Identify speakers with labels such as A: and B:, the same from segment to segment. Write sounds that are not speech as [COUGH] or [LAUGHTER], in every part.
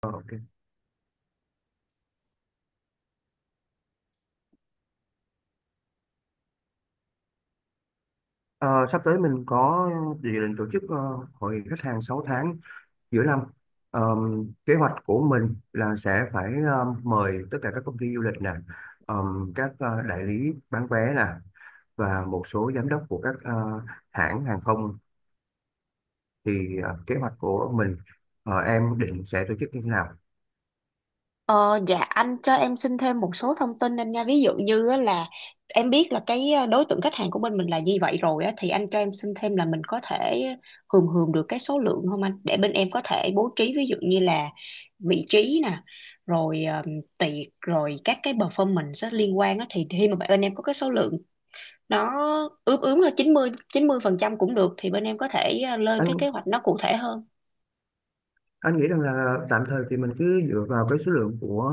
A: Ờ, ok. Ờ, Sắp tới mình có dự định tổ chức hội khách hàng 6 tháng giữa năm. Ờ, Kế hoạch của mình là sẽ phải mời tất cả các công ty du lịch nè, ờ, các đại lý bán vé nè và một số giám đốc của các hãng hàng không. Thì kế hoạch của mình em định sẽ tổ chức như thế nào?
B: Ờ, dạ, anh cho em xin thêm một số thông tin anh nha. Ví dụ như á là em biết là cái đối tượng khách hàng của bên mình là như vậy rồi á, thì anh cho em xin thêm là mình có thể hườm hườm được cái số lượng không anh, để bên em có thể bố trí ví dụ như là vị trí nè, rồi tiệc, rồi các cái performance á, liên quan á, thì khi mà bên em có cái số lượng nó ướm ướm là chín mươi phần trăm cũng được thì bên em có thể lên cái kế
A: Anh
B: hoạch nó cụ thể hơn.
A: anh nghĩ rằng là tạm thời thì mình cứ dựa vào cái số lượng của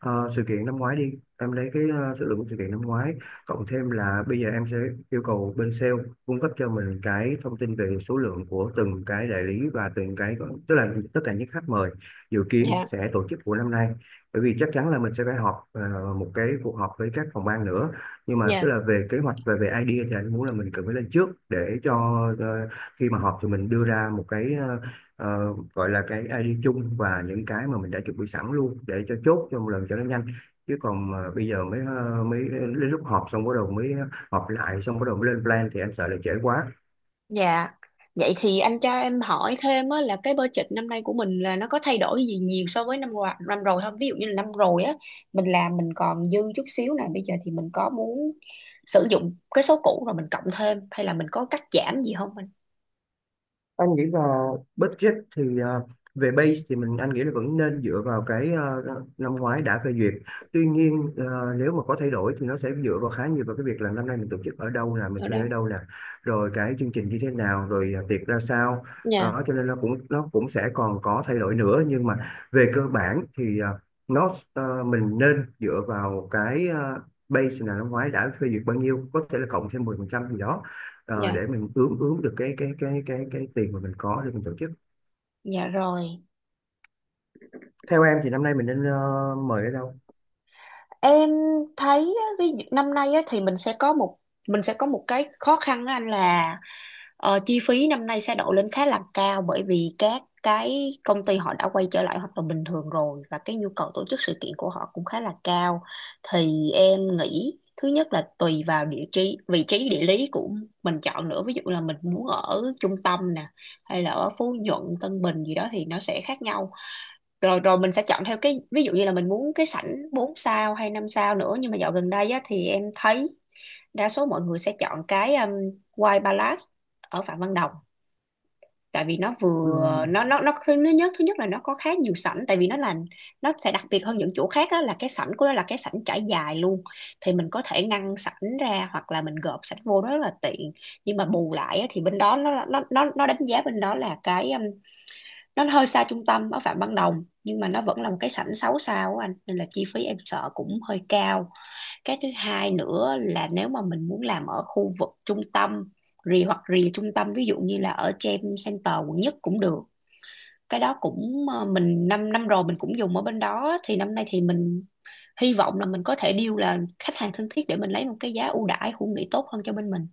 A: sự kiện năm ngoái đi, em lấy cái số lượng của sự kiện năm ngoái cộng thêm là bây giờ em sẽ yêu cầu bên sale cung cấp cho mình cái thông tin về số lượng của từng cái đại lý và từng cái, tức là tất cả những khách mời dự kiến
B: Dạ,
A: sẽ tổ chức của năm nay. Bởi vì chắc chắn là mình sẽ phải họp một cái cuộc họp với các phòng ban nữa, nhưng mà tức
B: dạ.
A: là về kế hoạch và về idea thì anh muốn là mình cần phải lên trước để cho ờ, khi mà họp thì mình đưa ra một cái gọi là cái ID chung và những cái mà mình đã chuẩn bị sẵn luôn để cho chốt cho một lần cho nó nhanh, chứ còn mà bây giờ mới mới đến lúc họp xong bắt đầu mới họp lại xong bắt đầu mới lên plan thì anh sợ là trễ quá.
B: Dạ, vậy thì anh cho em hỏi thêm á, là cái budget năm nay của mình là nó có thay đổi gì nhiều so với năm qua năm rồi không? Ví dụ như là năm rồi á, mình làm mình còn dư chút xíu nè, bây giờ thì mình có muốn sử dụng cái số cũ rồi mình cộng thêm hay là mình có cắt giảm gì không anh?
A: Anh nghĩ là budget thì về base thì mình anh nghĩ là vẫn nên dựa vào cái năm ngoái đã phê duyệt, tuy nhiên nếu mà có thay đổi thì nó sẽ dựa vào khá nhiều vào cái việc là năm nay mình tổ chức ở đâu nè, mình
B: Ở
A: thuê ở
B: đâu?
A: đâu nè, rồi cái chương trình như thế nào, rồi tiệc ra sao.
B: Dạ,
A: Đó cho nên nó cũng sẽ còn có thay đổi nữa, nhưng mà về cơ bản thì nó mình nên dựa vào cái base là năm ngoái đã phê duyệt bao nhiêu, có thể là cộng thêm 10% gì đó,
B: dạ.
A: để mình ướm ướm được cái tiền mà mình có để mình tổ chức.
B: Dạ rồi,
A: Theo em thì năm nay mình nên mời ở đâu?
B: em thấy á, ví dụ năm nay á, thì mình sẽ có một cái khó khăn á anh là chi phí năm nay sẽ đội lên khá là cao bởi vì các cái công ty họ đã quay trở lại hoạt động bình thường rồi và cái nhu cầu tổ chức sự kiện của họ cũng khá là cao. Thì em nghĩ thứ nhất là tùy vào địa trí, vị trí địa lý của mình chọn nữa. Ví dụ là mình muốn ở trung tâm nè hay là ở Phú Nhuận, Tân Bình gì đó thì nó sẽ khác nhau, rồi rồi mình sẽ chọn theo cái ví dụ như là mình muốn cái sảnh 4 sao hay 5 sao nữa, nhưng mà dạo gần đây á, thì em thấy đa số mọi người sẽ chọn cái White Palace ở Phạm Văn Đồng tại vì nó vừa
A: Ừm,
B: nó thứ nhất là nó có khá nhiều sảnh, tại vì nó sẽ đặc biệt hơn những chỗ khác á, là cái sảnh của nó là cái sảnh trải dài luôn, thì mình có thể ngăn sảnh ra hoặc là mình gộp sảnh vô đó rất là tiện, nhưng mà bù lại á, thì bên đó nó đánh giá bên đó là cái nó hơi xa trung tâm ở Phạm Văn Đồng, nhưng mà nó vẫn là một cái sảnh 6 sao á anh, nên là chi phí em sợ cũng hơi cao. Cái thứ hai nữa là nếu mà mình muốn làm ở khu vực trung tâm rì hoặc rì trung tâm, ví dụ như là ở Gem Center quận nhất cũng được, cái đó cũng mình năm năm rồi mình cũng dùng ở bên đó, thì năm nay thì mình hy vọng là mình có thể deal là khách hàng thân thiết để mình lấy một cái giá ưu đãi khu nghỉ tốt hơn cho bên mình.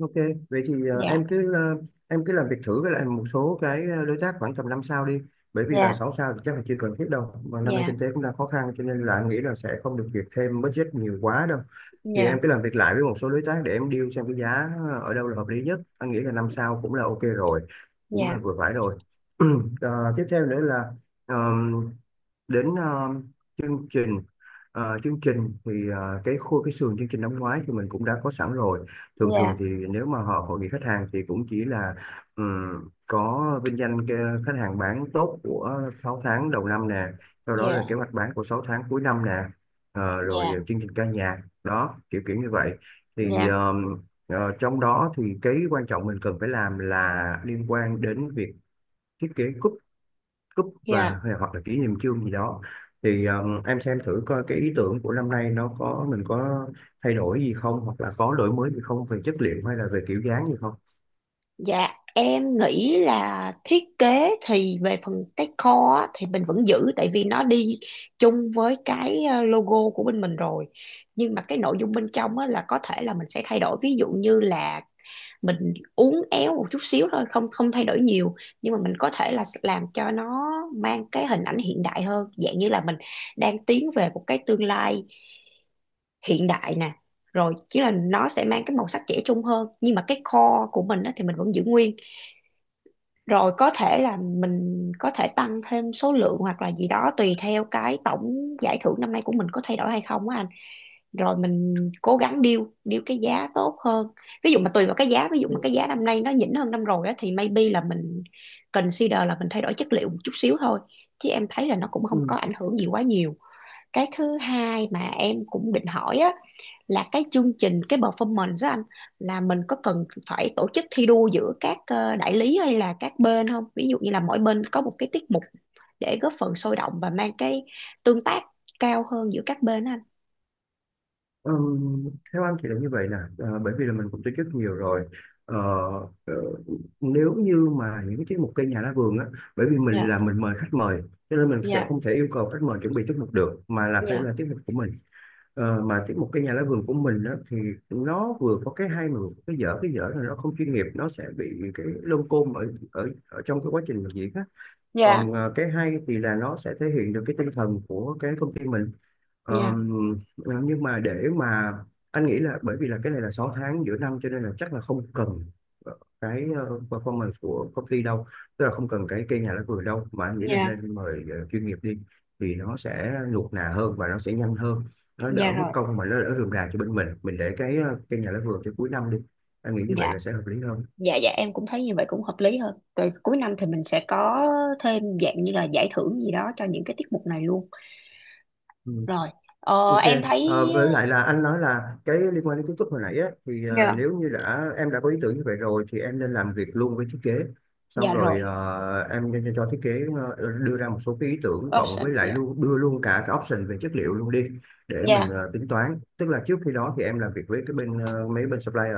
A: ok. Vậy thì em
B: Dạ,
A: cứ ờ, em cứ làm việc thử với lại một số cái đối tác khoảng tầm 5 sao đi, bởi vì là
B: dạ,
A: 6 sao thì chắc là chưa cần thiết đâu, mà năm nay kinh
B: dạ,
A: tế cũng đang khó khăn, cho nên là anh nghĩ là sẽ không được duyệt thêm budget nhiều quá đâu. Thì em
B: dạ,
A: cứ làm việc lại với một số đối tác để em deal xem cái giá ở đâu là hợp lý nhất, anh nghĩ là 5 sao cũng là ok rồi, cũng là
B: dạ,
A: vừa phải rồi. [CLEARS THROAT] Tiếp theo nữa là đến chương trình. Cái khối cái sườn chương trình năm ngoái thì mình cũng đã có sẵn rồi. Thường thường
B: dạ,
A: thì nếu mà họ hội nghị khách hàng thì cũng chỉ là có vinh danh cái khách hàng bán tốt của 6 tháng đầu năm nè, sau đó là kế hoạch bán của 6 tháng cuối năm nè,
B: dạ,
A: rồi chương trình ca nhạc đó, kiểu kiểu như vậy. Thì
B: dạ.
A: trong đó thì cái quan trọng mình cần phải làm là liên quan đến việc thiết kế cúp.
B: Dạ.
A: Hoặc là kỷ niệm chương gì đó, thì em xem thử coi cái ý tưởng của năm nay nó có, mình có thay đổi gì không hoặc là có đổi mới gì không về chất liệu hay là về kiểu dáng gì không.
B: Dạ em nghĩ là thiết kế thì về phần decor á, thì mình vẫn giữ tại vì nó đi chung với cái logo của bên mình rồi, nhưng mà cái nội dung bên trong á, là có thể là mình sẽ thay đổi, ví dụ như là mình uốn éo một chút xíu thôi, không không thay đổi nhiều, nhưng mà mình có thể là làm cho nó mang cái hình ảnh hiện đại hơn, dạng như là mình đang tiến về một cái tương lai hiện đại nè, rồi chứ là nó sẽ mang cái màu sắc trẻ trung hơn, nhưng mà cái core của mình á, thì mình vẫn giữ nguyên, rồi có thể là mình có thể tăng thêm số lượng hoặc là gì đó tùy theo cái tổng giải thưởng năm nay của mình có thay đổi hay không á anh, rồi mình cố gắng deal deal cái giá tốt hơn. Ví dụ mà tùy vào cái giá, ví dụ mà cái giá năm nay nó nhỉnh hơn năm rồi á thì maybe là mình consider là mình thay đổi chất liệu một chút xíu thôi, chứ em thấy là nó cũng không
A: Ừ.
B: có ảnh hưởng gì quá nhiều. Cái thứ hai mà em cũng định hỏi á, là cái chương trình cái performance đó anh, là mình có cần phải tổ chức thi đua giữa các đại lý hay là các bên không, ví dụ như là mỗi bên có một cái tiết mục để góp phần sôi động và mang cái tương tác cao hơn giữa các bên đó anh.
A: Theo anh thì là như vậy nè. Ờ, Bởi vì là mình cũng tổ chức nhiều rồi. Ờ, ờ, Nếu như mà những cái tiết mục cây nhà lá vườn á, bởi vì mình
B: Dạ,
A: là mình mời khách mời, cho nên mình sẽ
B: dạ,
A: không thể yêu cầu khách mời chuẩn bị tiết mục được, mà là phải
B: dạ,
A: là tiết mục của mình. Mà tiếp một cái nhà lá vườn của mình á, thì nó vừa có cái hay mà vừa có cái dở. Cái dở là nó không chuyên nghiệp, nó sẽ bị cái lông côm ở ở ở trong cái quá trình làm diễn á, còn
B: dạ,
A: cái hay thì là nó sẽ thể hiện được cái tinh thần của cái công ty mình. Ờ,
B: dạ,
A: nhưng mà để mà anh nghĩ là bởi vì là cái này là 6 tháng giữa năm, cho nên là chắc là không cần cái performance của công ty đâu, tức là không cần cái cây nhà lá vườn đâu, mà anh nghĩ là
B: dạ,
A: nên mời chuyên nghiệp đi, thì nó sẽ nuột nà hơn và nó sẽ nhanh hơn, nó
B: dạ
A: đỡ mất
B: rồi,
A: công mà nó đỡ rườm rà cho bên mình. Mình để cái cây nhà lá vườn cho cuối năm đi, anh nghĩ như vậy
B: dạ,
A: là sẽ hợp lý hơn.
B: dạ, dạ em cũng thấy như vậy cũng hợp lý hơn, rồi cuối năm thì mình sẽ có thêm dạng như là giải thưởng gì đó cho những cái tiết mục này luôn, rồi
A: Ok,
B: em thấy.
A: với lại là anh nói là cái liên quan đến kiến trúc hồi nãy á, thì
B: Dạ,
A: nếu như đã em đã có ý tưởng như vậy rồi thì em nên làm việc luôn với thiết kế. Xong
B: dạ
A: rồi
B: rồi
A: em nên cho thiết kế đưa ra một số cái ý tưởng cộng
B: option
A: với lại
B: dạ,
A: luôn đưa luôn cả cái option về chất liệu luôn đi, để mình
B: dạ,
A: tính toán. Tức là trước khi đó thì em làm việc với cái bên mấy bên supplier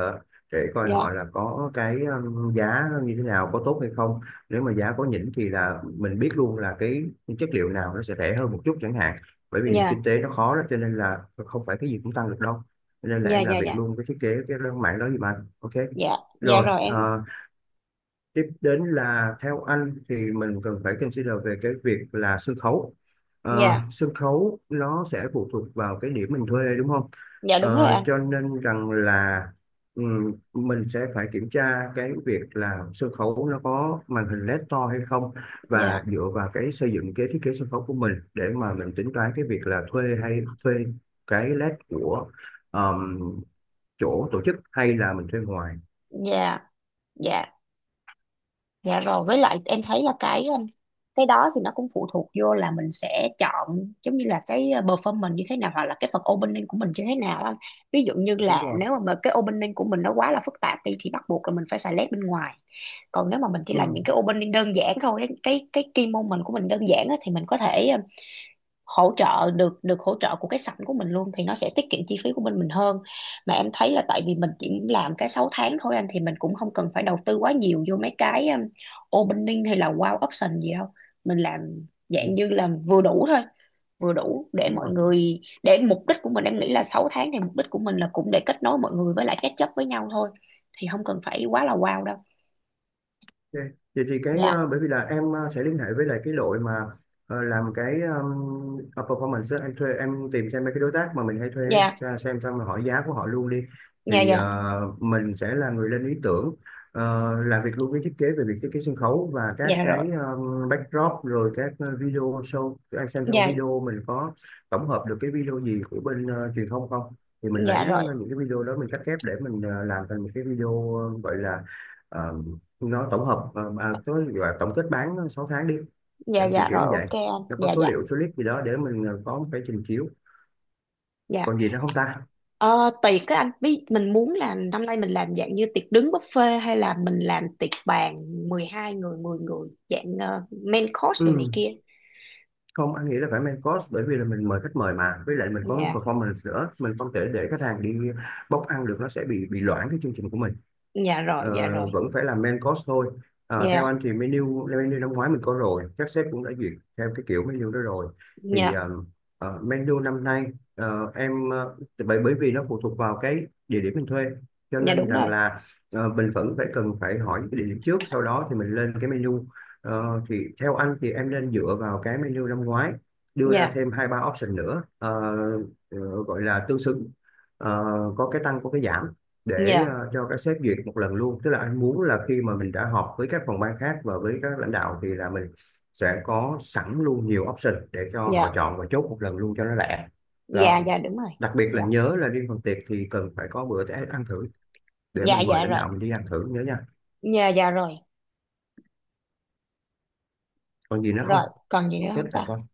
A: để coi
B: dạ,
A: họ là có cái giá như thế nào, có tốt hay không. Nếu mà giá có nhỉnh thì là mình biết luôn là cái chất liệu nào nó sẽ rẻ hơn một chút chẳng hạn, bởi vì kinh
B: dạ,
A: tế nó khó đó cho nên là không phải cái gì cũng tăng được đâu. Cho nên là
B: dạ,
A: em
B: dạ,
A: làm việc
B: dạ,
A: luôn cái thiết kế cái mảng đó gì mà, ok
B: dạ, dạ
A: rồi.
B: rồi em,
A: Ờ, Tiếp đến là theo anh thì mình cần phải consider về cái việc là sân khấu.
B: dạ,
A: Sân khấu nó sẽ phụ thuộc vào cái điểm mình thuê, đúng không?
B: dạ đúng rồi anh,
A: Cho nên rằng là mình sẽ phải kiểm tra cái việc là sân khấu nó có màn hình LED to hay không, và
B: dạ,
A: dựa vào cái xây dựng cái thiết kế sân khấu của mình để mà mình tính toán cái việc là thuê hay thuê cái LED của ờm, chỗ tổ chức hay là mình thuê ngoài.
B: dạ, dạ, dạ rồi với lại em thấy là cái đó thì nó cũng phụ thuộc vô là mình sẽ chọn giống như là cái performance như thế nào, hoặc là cái phần opening của mình như thế nào anh. Ví dụ như
A: Đúng
B: là
A: rồi.
B: nếu mà cái opening của mình nó quá là phức tạp đi thì bắt buộc là mình phải xài led bên ngoài, còn nếu mà mình chỉ làm
A: Ừ.
B: những cái opening đơn giản thôi á, cái key moment của mình đơn giản á, thì mình có thể hỗ trợ được được hỗ trợ của cái sảnh của mình luôn, thì nó sẽ tiết kiệm chi phí của bên mình hơn. Mà em thấy là tại vì mình chỉ làm cái 6 tháng thôi anh, thì mình cũng không cần phải đầu tư quá nhiều vô mấy cái opening hay là wow option gì đâu, mình làm
A: Ừ,
B: dạng như là vừa đủ thôi, vừa đủ để
A: đúng
B: mọi
A: rồi.
B: người, để mục đích của mình em nghĩ là 6 tháng thì mục đích của mình là cũng để kết nối mọi người với lại catch up với nhau thôi, thì không cần phải quá là wow đâu.
A: Ok. Vậy thì cái
B: Dạ,
A: bởi vì là em sẽ liên hệ với lại cái đội mà làm cái performance á. Em thuê, em tìm xem mấy cái đối tác mà mình hay thuê
B: dạ,
A: ra xem, xong rồi hỏi giá của họ luôn đi.
B: dạ,
A: Thì
B: dạ,
A: mình sẽ là người lên ý tưởng, làm việc luôn với thiết kế về việc thiết kế sân khấu và các
B: dạ
A: cái
B: rồi,
A: backdrop, rồi các video show. Em xem trong
B: dạ,
A: video mình có tổng hợp được cái video gì của bên truyền thông không, thì mình
B: dạ
A: lấy
B: rồi,
A: những cái video đó mình cắt ghép để mình làm thành một cái video, gọi là nó tổng hợp, có gọi là tổng kết bán 6 tháng đi.
B: dạ,
A: Kiểu
B: dạ
A: kiểu
B: rồi
A: như vậy,
B: ok anh,
A: nó có
B: dạ,
A: số
B: dạ,
A: liệu số clip gì đó để mình có một cái trình chiếu.
B: dạ.
A: Còn gì nữa không ta?
B: Ờ, Tiệc các anh biết mình muốn là năm nay mình làm dạng như tiệc đứng buffet hay là mình làm tiệc bàn 12 người 10 người dạng main course đồ này
A: Ừ.
B: kia.
A: Không, anh nghĩ là phải main course, bởi vì là mình mời khách mời mà với lại mình có
B: Dạ,
A: performance nữa, mình không thể để khách hàng đi bốc ăn được, nó sẽ bị loãng cái chương trình của mình.
B: dạ rồi,
A: Ờ,
B: dạ rồi.
A: Vẫn phải là main course thôi. Theo
B: Dạ,
A: anh thì menu, năm ngoái mình có rồi, các sếp cũng đã duyệt theo cái kiểu menu đó rồi, thì
B: dạ,
A: menu năm nay em bởi bởi vì nó phụ thuộc vào cái địa điểm mình thuê, cho
B: dạ
A: nên
B: đúng
A: rằng
B: rồi.
A: là mình vẫn phải cần phải hỏi cái địa điểm trước, sau đó thì mình lên cái menu. Thì theo anh thì em nên dựa vào cái menu năm ngoái, đưa ra
B: Dạ,
A: thêm hai ba option nữa, gọi là tương xứng. Ờ, có cái tăng có cái giảm, để
B: dạ,
A: cho các sếp duyệt một lần luôn. Tức là anh muốn là khi mà mình đã họp với các phòng ban khác và với các lãnh đạo thì là mình sẽ có sẵn luôn nhiều option để cho
B: dạ,
A: họ chọn và chốt một lần luôn cho nó lẹ.
B: dạ
A: Đó,
B: dạ đúng rồi.
A: đặc biệt
B: Dạ,
A: là nhớ là riêng phần tiệc thì cần phải có bữa ăn thử, để
B: dạ
A: mình mời
B: dạ
A: lãnh
B: rồi.
A: đạo mình đi ăn thử, nhớ nha.
B: Dạ dạ rồi.
A: Còn gì nữa không?
B: Rồi, còn gì
A: Tốt
B: nữa
A: nhất
B: không
A: là
B: ta?
A: con,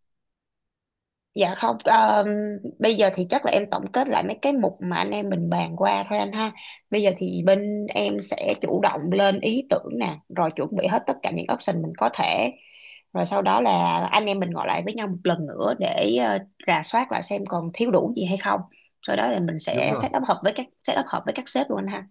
B: Dạ không, bây giờ thì chắc là em tổng kết lại mấy cái mục mà anh em mình bàn qua thôi anh ha. Bây giờ thì bên em sẽ chủ động lên ý tưởng nè, rồi chuẩn bị hết tất cả những option mình có thể. Rồi sau đó là anh em mình ngồi lại với nhau một lần nữa để rà soát lại xem còn thiếu đủ gì hay không. Sau đó là mình
A: đúng
B: sẽ
A: rồi.
B: set up hợp với các sếp luôn anh ha.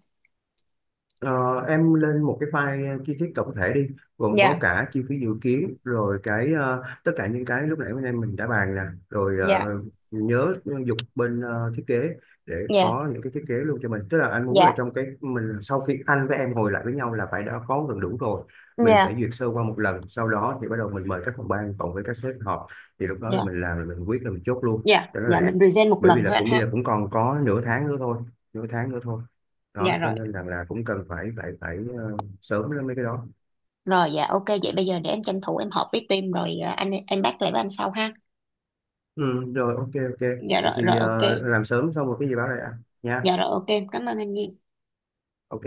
A: Ờ, em lên một cái file chi tiết tổng thể đi, gồm có
B: Dạ,
A: cả chi phí dự kiến rồi cái tất cả những cái lúc nãy bên em mình đã bàn nè, rồi
B: dạ,
A: nhớ dục bên thiết kế để
B: dạ,
A: có những cái thiết kế luôn cho mình. Tức là anh muốn là
B: dạ,
A: trong cái mình sau khi anh với em ngồi lại với nhau là phải đã có gần đủ rồi, mình sẽ
B: dạ,
A: duyệt sơ qua một lần, sau đó thì bắt đầu mình mời các phòng ban cộng với các sếp họp, thì lúc đó là
B: dạ,
A: mình làm là mình quyết là mình chốt luôn
B: dạ,
A: cho nó
B: dạ
A: lẹ.
B: mình present một
A: Bởi vì
B: lần
A: là
B: thôi anh
A: cũng bây
B: ha.
A: giờ cũng còn có nửa tháng nữa thôi, nửa tháng nữa thôi.
B: Dạ
A: Đó cho
B: rồi.
A: nên rằng là cũng cần phải phải phải ờ, sớm lên mấy cái đó.
B: Rồi dạ ok, vậy bây giờ để em tranh thủ em họp với team rồi à, anh em bắt lại với anh sau ha.
A: Ừ, rồi, ok ok.
B: Dạ
A: Vậy
B: rồi rồi
A: thì
B: ok.
A: làm sớm xong một cái gì báo lại ạ nha.
B: Dạ rồi ok, em cảm ơn anh Nhi.
A: Ok.